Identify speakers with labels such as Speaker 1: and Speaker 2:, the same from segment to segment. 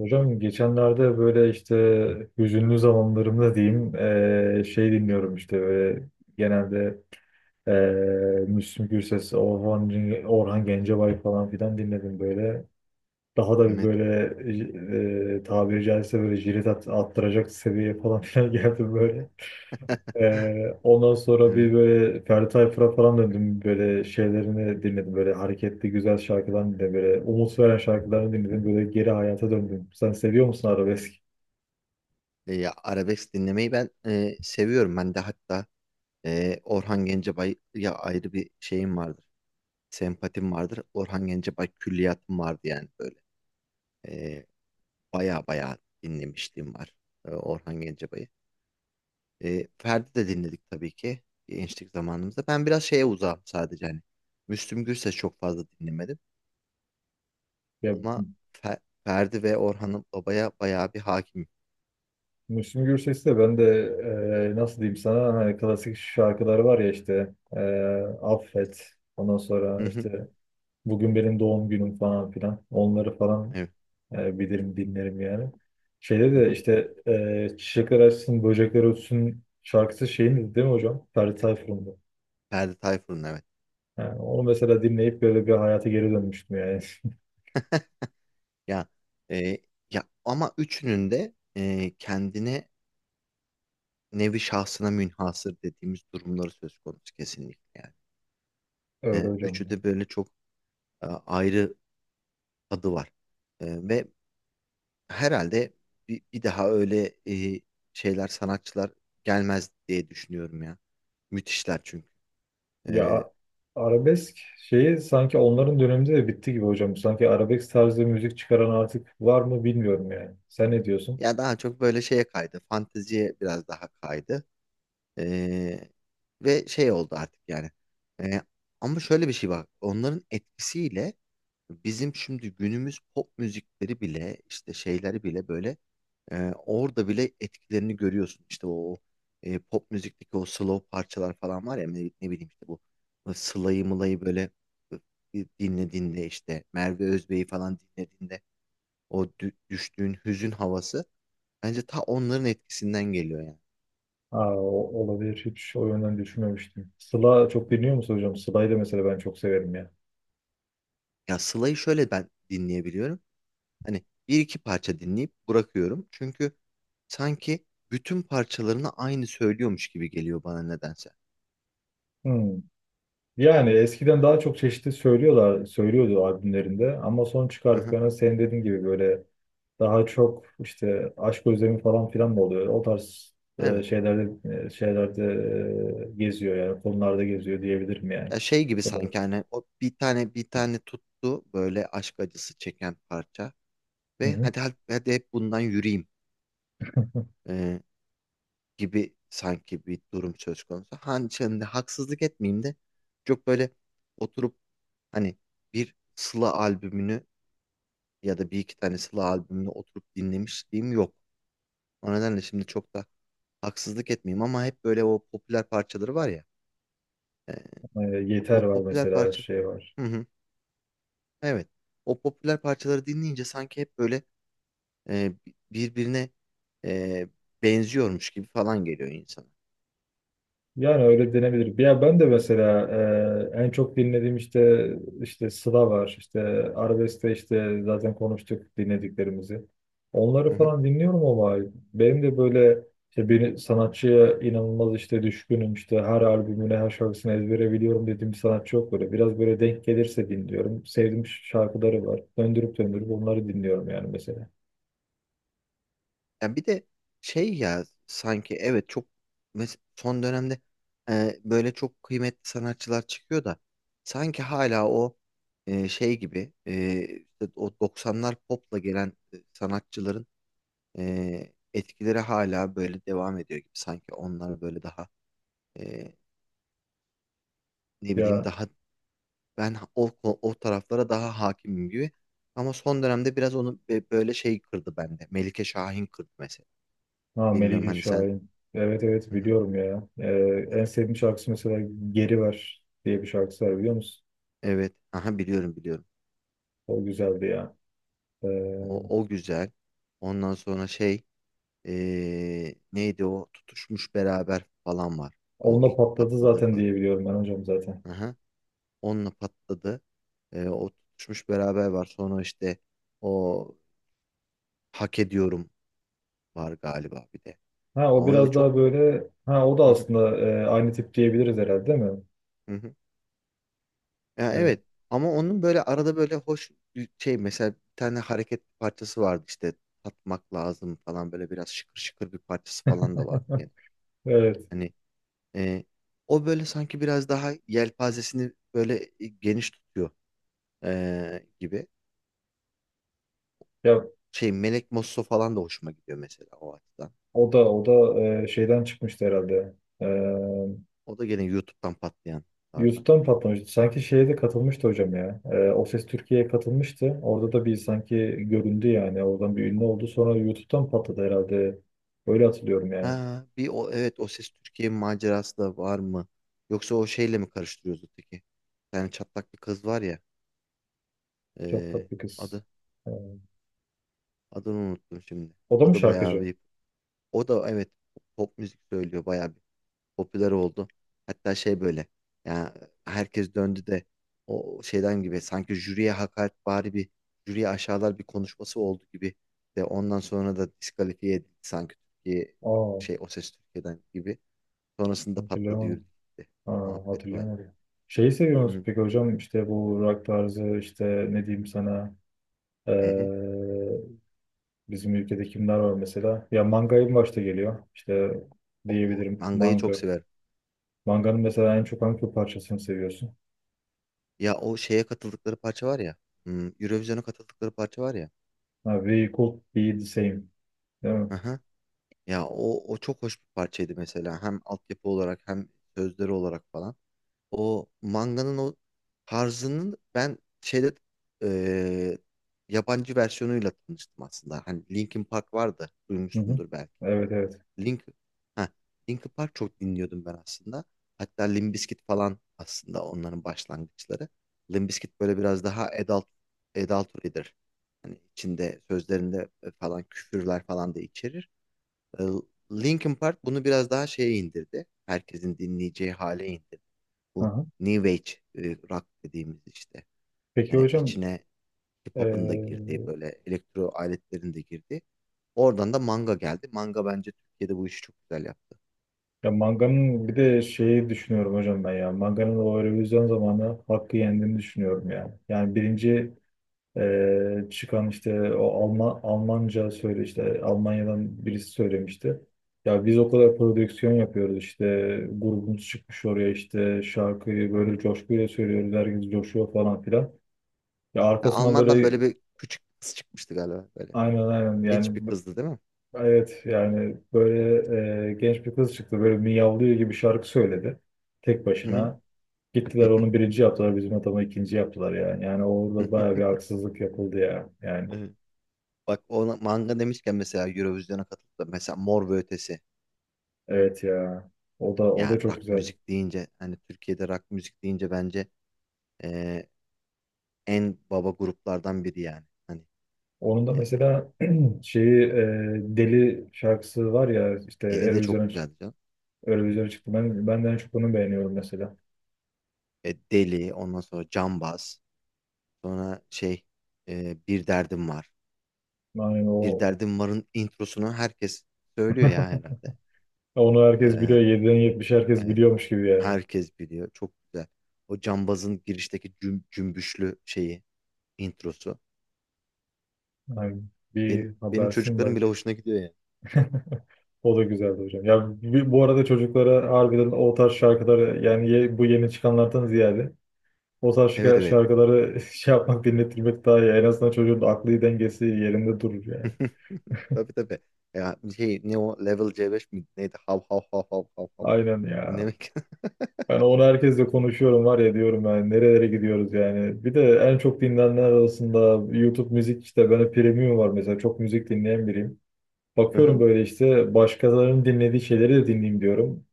Speaker 1: Hocam geçenlerde böyle işte hüzünlü zamanlarımda diyeyim dinliyorum işte böyle genelde Müslüm Gürses, Orhan Gencebay falan filan dinledim böyle. Daha da bir
Speaker 2: Evet.
Speaker 1: böyle tabiri caizse böyle attıracak seviyeye falan filan geldim böyle. Ondan sonra bir
Speaker 2: Evet.
Speaker 1: böyle Ferdi Tayfur'a falan döndüm, böyle şeylerini dinledim, böyle hareketli güzel şarkılarını dinledim, böyle umut veren şarkılarını dinledim, böyle geri hayata döndüm. Sen seviyor musun arabesk?
Speaker 2: Ya arabesk dinlemeyi ben seviyorum. Ben de hatta Orhan Gencebay'a ayrı bir şeyim vardır. Sempatim vardır. Orhan Gencebay külliyatım vardı yani böyle. E, baya baya dinlemişliğim var Orhan Gencebay'ı. Ferdi de dinledik tabii ki gençlik zamanımızda. Ben biraz şeye uzağım sadece hani. Müslüm Gürses çok fazla dinlemedim
Speaker 1: Ya
Speaker 2: ama Ferdi ve Orhan Baba'ya baya bir hakim.
Speaker 1: Müslüm Gürses'i de ben de, nasıl diyeyim sana, hani klasik şarkıları var ya, işte Affet, ondan sonra
Speaker 2: Hı hı,
Speaker 1: işte Bugün Benim Doğum Günüm falan filan, onları falan
Speaker 2: evet.
Speaker 1: bilirim, dinlerim yani. Şeyde
Speaker 2: Hı
Speaker 1: de
Speaker 2: hı.
Speaker 1: işte Çiçekler Açsın Böcekler Ötsün şarkısı şeyin, değil mi hocam? Ferdi Tayfur'un da.
Speaker 2: Ferdi Tayfur'un, evet.
Speaker 1: Yani onu mesela dinleyip böyle bir hayata geri dönmüştüm yani.
Speaker 2: Ya e, ya ama üçünün de kendine nevi şahsına münhasır dediğimiz durumları söz konusu kesinlikle yani.
Speaker 1: Öyle hocam.
Speaker 2: Üçü de böyle çok ayrı tadı var. Ve herhalde bir daha öyle şeyler sanatçılar gelmez diye düşünüyorum ya. Müthişler çünkü.
Speaker 1: Ya
Speaker 2: E,
Speaker 1: a- arabesk şeyi sanki onların döneminde de bitti gibi hocam. Sanki arabesk tarzı müzik çıkaran artık var mı bilmiyorum yani. Sen ne diyorsun?
Speaker 2: ya daha çok böyle şeye kaydı. Fanteziye biraz daha kaydı. E, ve şey oldu artık yani. E, Ama şöyle bir şey var. Onların etkisiyle bizim şimdi günümüz pop müzikleri bile işte şeyleri bile böyle orada bile etkilerini görüyorsun. İşte o pop müzikteki o slow parçalar falan var ya ne bileyim işte bu Sıla'yı Mıla'yı böyle dinlediğinde işte Merve Özbey'i falan dinlediğinde o düştüğün hüzün havası bence ta onların etkisinden geliyor yani.
Speaker 1: Aa, olabilir. Hiç o yönden düşünmemiştim. Sıla çok
Speaker 2: Hı hı.
Speaker 1: dinliyor musun hocam? Sıla'yı da mesela ben çok severim ya.
Speaker 2: Ya Sıla'yı şöyle ben dinleyebiliyorum. Hani bir iki parça dinleyip bırakıyorum. Çünkü sanki bütün parçalarını aynı söylüyormuş gibi geliyor bana nedense.
Speaker 1: Hmm. Yani eskiden daha çok çeşitli söylüyordu albümlerinde, ama son
Speaker 2: Hı hı.
Speaker 1: çıkardıklarına senin dediğin gibi böyle daha çok işte aşk özlemi falan filan mı oluyor? O tarz
Speaker 2: Evet.
Speaker 1: şeylerde geziyor, yani konularda geziyor diyebilirim yani.
Speaker 2: Ya şey gibi
Speaker 1: Doğru.
Speaker 2: sanki hani o bir tane tuttu böyle aşk acısı çeken parça
Speaker 1: Hı
Speaker 2: ve
Speaker 1: hı.
Speaker 2: hadi hep bundan yürüyeyim e, gibi sanki bir durum söz konusu. Hani şimdi haksızlık etmeyeyim de çok böyle oturup hani bir Sıla albümünü ya da bir iki tane Sıla albümünü oturup dinlemişliğim yok. O nedenle şimdi çok da haksızlık etmeyeyim ama hep böyle o popüler parçaları var ya.
Speaker 1: E, Yeter
Speaker 2: O
Speaker 1: var
Speaker 2: popüler
Speaker 1: mesela,
Speaker 2: parça.
Speaker 1: şey var.
Speaker 2: Hı hı. Evet. O popüler parçaları dinleyince sanki hep böyle e, birbirine e, benziyormuş gibi falan geliyor insana.
Speaker 1: Yani öyle denebilir. Ya ben de mesela en çok dinlediğim işte Sıla var. İşte Arabesk'te işte zaten konuştuk dinlediklerimizi. Onları
Speaker 2: Hı hı.
Speaker 1: falan dinliyorum ama benim de böyle işte bir sanatçıya inanılmaz işte düşkünüm, işte her albümüne, her şarkısını ezbere biliyorum dediğim bir sanatçı yok böyle. Biraz böyle denk gelirse dinliyorum. Sevdiğim şarkıları var. Döndürüp döndürüp onları dinliyorum yani mesela.
Speaker 2: Ya bir de şey ya sanki evet çok son dönemde böyle çok kıymetli sanatçılar çıkıyor da sanki hala o şey gibi işte o doksanlar popla gelen sanatçıların etkileri hala böyle devam ediyor gibi sanki onlar böyle daha e, ne bileyim
Speaker 1: Ya
Speaker 2: daha ben o taraflara daha hakimim gibi ama son dönemde biraz onu böyle şey kırdı bende, Melike Şahin kırdı mesela.
Speaker 1: Ha,
Speaker 2: Bilmiyorum
Speaker 1: Melike
Speaker 2: hani sen.
Speaker 1: Şahin. Evet evet, biliyorum ya. En sevdiğim şarkısı mesela Geri Ver diye bir şarkısı var, biliyor musun?
Speaker 2: Evet. Aha, biliyorum biliyorum.
Speaker 1: O güzeldi ya. Ee,
Speaker 2: O, o güzel. Ondan sonra şey, neydi o? Tutuşmuş beraber falan var. O
Speaker 1: Onunla
Speaker 2: ilk
Speaker 1: patladı
Speaker 2: patladığı
Speaker 1: zaten
Speaker 2: parça.
Speaker 1: diye biliyorum ben hocam zaten.
Speaker 2: Aha. Onunla patladı. O tutuşmuş beraber var. Sonra işte o hak ediyorum var galiba bir de.
Speaker 1: Ha o
Speaker 2: Ama öyle
Speaker 1: biraz
Speaker 2: çok.
Speaker 1: daha böyle, ha o da
Speaker 2: Hı hı,
Speaker 1: aslında aynı tip diyebiliriz herhalde, değil mi?
Speaker 2: hı hı. Ya,
Speaker 1: Ee,
Speaker 2: evet. Ama onun böyle arada böyle hoş bir şey, mesela bir tane hareket parçası vardı işte tatmak lazım falan, böyle biraz şıkır şıkır bir parçası falan da vardı. Yani.
Speaker 1: evet.
Speaker 2: Hani. Ee, O böyle sanki biraz daha yelpazesini böyle geniş tutuyor gibi.
Speaker 1: Ya
Speaker 2: Şey Melek Mosso falan da hoşuma gidiyor mesela o açıdan.
Speaker 1: o da şeyden çıkmıştı herhalde. Ee,
Speaker 2: O da gene YouTube'dan patlayanlardan.
Speaker 1: YouTube'da mı patlamıştı? Sanki şeye de katılmıştı hocam ya. O Ses Türkiye'ye katılmıştı. Orada da bir sanki göründü yani. Oradan bir ünlü oldu. Sonra YouTube'dan patladı herhalde. Öyle hatırlıyorum yani.
Speaker 2: Ha, bir o evet O Ses Türkiye macerası da var mı? Yoksa o şeyle mi karıştırıyoruz öteki? Yani çatlak bir kız var ya.
Speaker 1: Çok
Speaker 2: Ee,
Speaker 1: tatlı kız.
Speaker 2: adı
Speaker 1: Ee,
Speaker 2: adını unuttum şimdi.
Speaker 1: O da
Speaker 2: O
Speaker 1: mı
Speaker 2: da bayağı
Speaker 1: şarkıcı?
Speaker 2: bir, o da evet pop müzik söylüyor, bayağı popüler oldu. Hatta şey böyle, ya herkes döndü de o şeyden gibi, sanki jüriye hakaret bari bir jüriye aşağılar bir konuşması oldu gibi de ondan sonra da diskalifiye edildi sanki Türkiye şey
Speaker 1: Aa,
Speaker 2: O Ses Türkiye'den gibi. Sonrasında patladı, yürüdü
Speaker 1: hatırlayamadım.
Speaker 2: gitti.
Speaker 1: Aa,
Speaker 2: Muhabbeti var.
Speaker 1: hatırlayamadım. Şeyi seviyor musun
Speaker 2: Hı
Speaker 1: peki hocam? İşte bu rock tarzı, işte ne diyeyim sana, ee,
Speaker 2: hı hı.
Speaker 1: bizim ülkede kimler var mesela? Ya Manga'yı başta geliyor. İşte
Speaker 2: O
Speaker 1: diyebilirim
Speaker 2: mangayı çok
Speaker 1: Manga.
Speaker 2: severim.
Speaker 1: Manga'nın mesela en çok hangi parçasını seviyorsun?
Speaker 2: Ya o şeye katıldıkları parça var ya. Eurovision'a katıldıkları parça var ya.
Speaker 1: Ha, We Could Be The Same. Değil mi?
Speaker 2: Hı hı. Ya o, o çok hoş bir parçaydı mesela. Hem altyapı olarak hem sözleri olarak falan. O manganın o tarzının ben şeyde, eee, yabancı versiyonuyla tanıştım aslında. Hani Linkin Park vardı.
Speaker 1: Hı hı.
Speaker 2: Duymuşsundur belki.
Speaker 1: Evet evet.
Speaker 2: Link ha Linkin Park çok dinliyordum ben aslında. Hatta Limp Bizkit falan aslında onların başlangıçları. Limp Bizkit böyle biraz daha adultery'dir. Hani içinde sözlerinde falan küfürler falan da içerir. Ee, Linkin Park bunu biraz daha şeye indirdi. Herkesin dinleyeceği hale indirdi bu
Speaker 1: Hı.
Speaker 2: New Age e, rock dediğimiz işte.
Speaker 1: Peki
Speaker 2: Yani
Speaker 1: hocam,
Speaker 2: içine hip-hop'un da
Speaker 1: eee,
Speaker 2: girdiği böyle elektro aletlerin de girdiği. Oradan da manga geldi. Manga bence Türkiye'de bu işi çok güzel yaptı.
Speaker 1: ya Manga'nın bir de şeyi düşünüyorum hocam ben ya. Manga'nın o revizyon zamanı hakkı yendiğini düşünüyorum yani. Yani birinci çıkan işte o Almanca söyle, işte Almanya'dan birisi söylemişti. Ya biz o kadar prodüksiyon yapıyoruz, işte grubumuz çıkmış oraya, işte şarkıyı
Speaker 2: Hı hı.
Speaker 1: böyle coşkuyla söylüyoruz, herkes coşuyor falan filan. Ya
Speaker 2: Ya
Speaker 1: arkasından
Speaker 2: Alman'dan böyle
Speaker 1: böyle
Speaker 2: bir küçük kız çıkmıştı galiba böyle.
Speaker 1: aynen aynen
Speaker 2: Genç bir
Speaker 1: yani,
Speaker 2: kızdı, değil mi?
Speaker 1: evet yani böyle genç bir kız çıktı, böyle miyavlıyor gibi şarkı söyledi tek
Speaker 2: Hı hı.
Speaker 1: başına. Gittiler onu birinci yaptılar, bizim adamı ikinci yaptılar yani. Yani orada baya bir haksızlık yapıldı ya. Yani
Speaker 2: Evet. Bak ona manga demişken mesela Eurovision'a katılıp da mesela Mor ve Ötesi.
Speaker 1: evet ya, o da
Speaker 2: Ya
Speaker 1: çok
Speaker 2: rock
Speaker 1: güzel.
Speaker 2: müzik deyince hani Türkiye'de rock müzik deyince bence e, en baba gruplardan biri yani. Hani
Speaker 1: Onun da
Speaker 2: e,
Speaker 1: mesela şeyi, Deli şarkısı var ya, işte
Speaker 2: eli de çok güzeldi canım.
Speaker 1: Eurovision'a çıktı. Ben de en çok onu beğeniyorum mesela.
Speaker 2: Deli, ondan sonra cambaz, sonra şey bir derdim var.
Speaker 1: Yani
Speaker 2: Bir
Speaker 1: o
Speaker 2: derdim varın introsunu herkes söylüyor ya herhalde.
Speaker 1: onu herkes biliyor.
Speaker 2: E,
Speaker 1: 7'den 70 herkes
Speaker 2: yani
Speaker 1: biliyormuş gibi yani.
Speaker 2: herkes biliyor. Çok güzel. O cambazın girişteki cümbüşlü şeyi, introsu.
Speaker 1: Aynen. Bir
Speaker 2: Benim
Speaker 1: habersin
Speaker 2: çocuklarım bile
Speaker 1: belki.
Speaker 2: hoşuna gidiyor ya.
Speaker 1: O da güzeldi hocam. Ya bu arada çocuklara harbiden o tarz şarkıları, yani bu yeni çıkanlardan ziyade o tarz
Speaker 2: Evet evet.
Speaker 1: şarkıları şey yapmak, dinletilmek daha iyi. En azından çocuğun aklı dengesi yerinde durur yani.
Speaker 2: Tabii tabii. Ya şey ne o Level C5 mi? Neydi? Hav hav hav hav hav hav.
Speaker 1: Aynen ya.
Speaker 2: Dinlemek.
Speaker 1: Ben onu herkesle konuşuyorum var ya, diyorum yani nerelere gidiyoruz yani. Bir de en çok dinlenenler arasında YouTube müzik, işte ben premium var mesela, çok müzik dinleyen biriyim.
Speaker 2: Hı
Speaker 1: Bakıyorum
Speaker 2: hı.
Speaker 1: böyle işte başkalarının dinlediği şeyleri de dinleyeyim diyorum.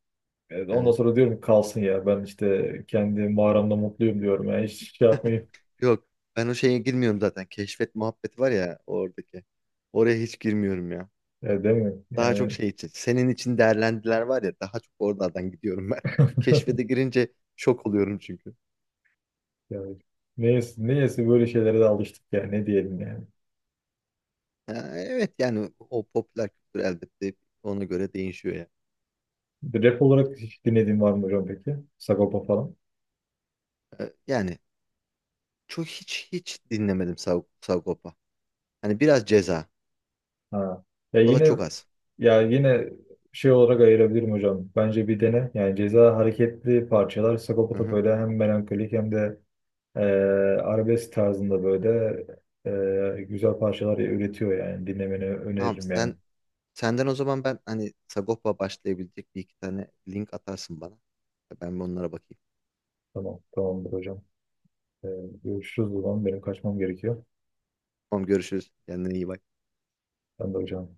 Speaker 1: Evet, ondan
Speaker 2: Evet.
Speaker 1: sonra diyorum ki kalsın ya, ben işte kendi mağaramda mutluyum diyorum. Yani hiç şey yapmayayım.
Speaker 2: Yok, ben o şeye girmiyorum zaten. Keşfet muhabbeti var ya oradaki. Oraya hiç girmiyorum ya.
Speaker 1: Ya, değil mi?
Speaker 2: Daha çok
Speaker 1: Yani,
Speaker 2: şey için, senin için değerlendiler var ya, daha çok oralardan gidiyorum ben. Keşfete girince şok oluyorum çünkü.
Speaker 1: yani neyse böyle şeylere de alıştık ya, ne diyelim yani.
Speaker 2: Ha, evet, yani o popüler kültür elbette ona göre değişiyor ya.
Speaker 1: Rap olarak hiç dinlediğin var mı hocam peki? Sagopa falan.
Speaker 2: Yani çok hiç hiç dinlemedim Sagop'a. Hani biraz ceza.
Speaker 1: Ha. Ya
Speaker 2: O da
Speaker 1: yine
Speaker 2: çok az.
Speaker 1: ya yine şey olarak ayırabilirim hocam. Bence bir dene. Yani Ceza hareketli parçalar. Sagopa
Speaker 2: Hı
Speaker 1: da
Speaker 2: hı.
Speaker 1: böyle hem melankolik hem de eee arabesk tarzında böyle güzel parçalar üretiyor yani. Dinlemeni
Speaker 2: Tamam,
Speaker 1: öneririm yani.
Speaker 2: senden o zaman ben hani Sagop'a başlayabilecek bir iki tane link atarsın bana. Ben bir onlara bakayım.
Speaker 1: Tamam, tamamdır hocam. Ee, görüşürüz o zaman. Benim kaçmam gerekiyor.
Speaker 2: Tamam, görüşürüz. Kendine iyi bak.
Speaker 1: Ben de hocam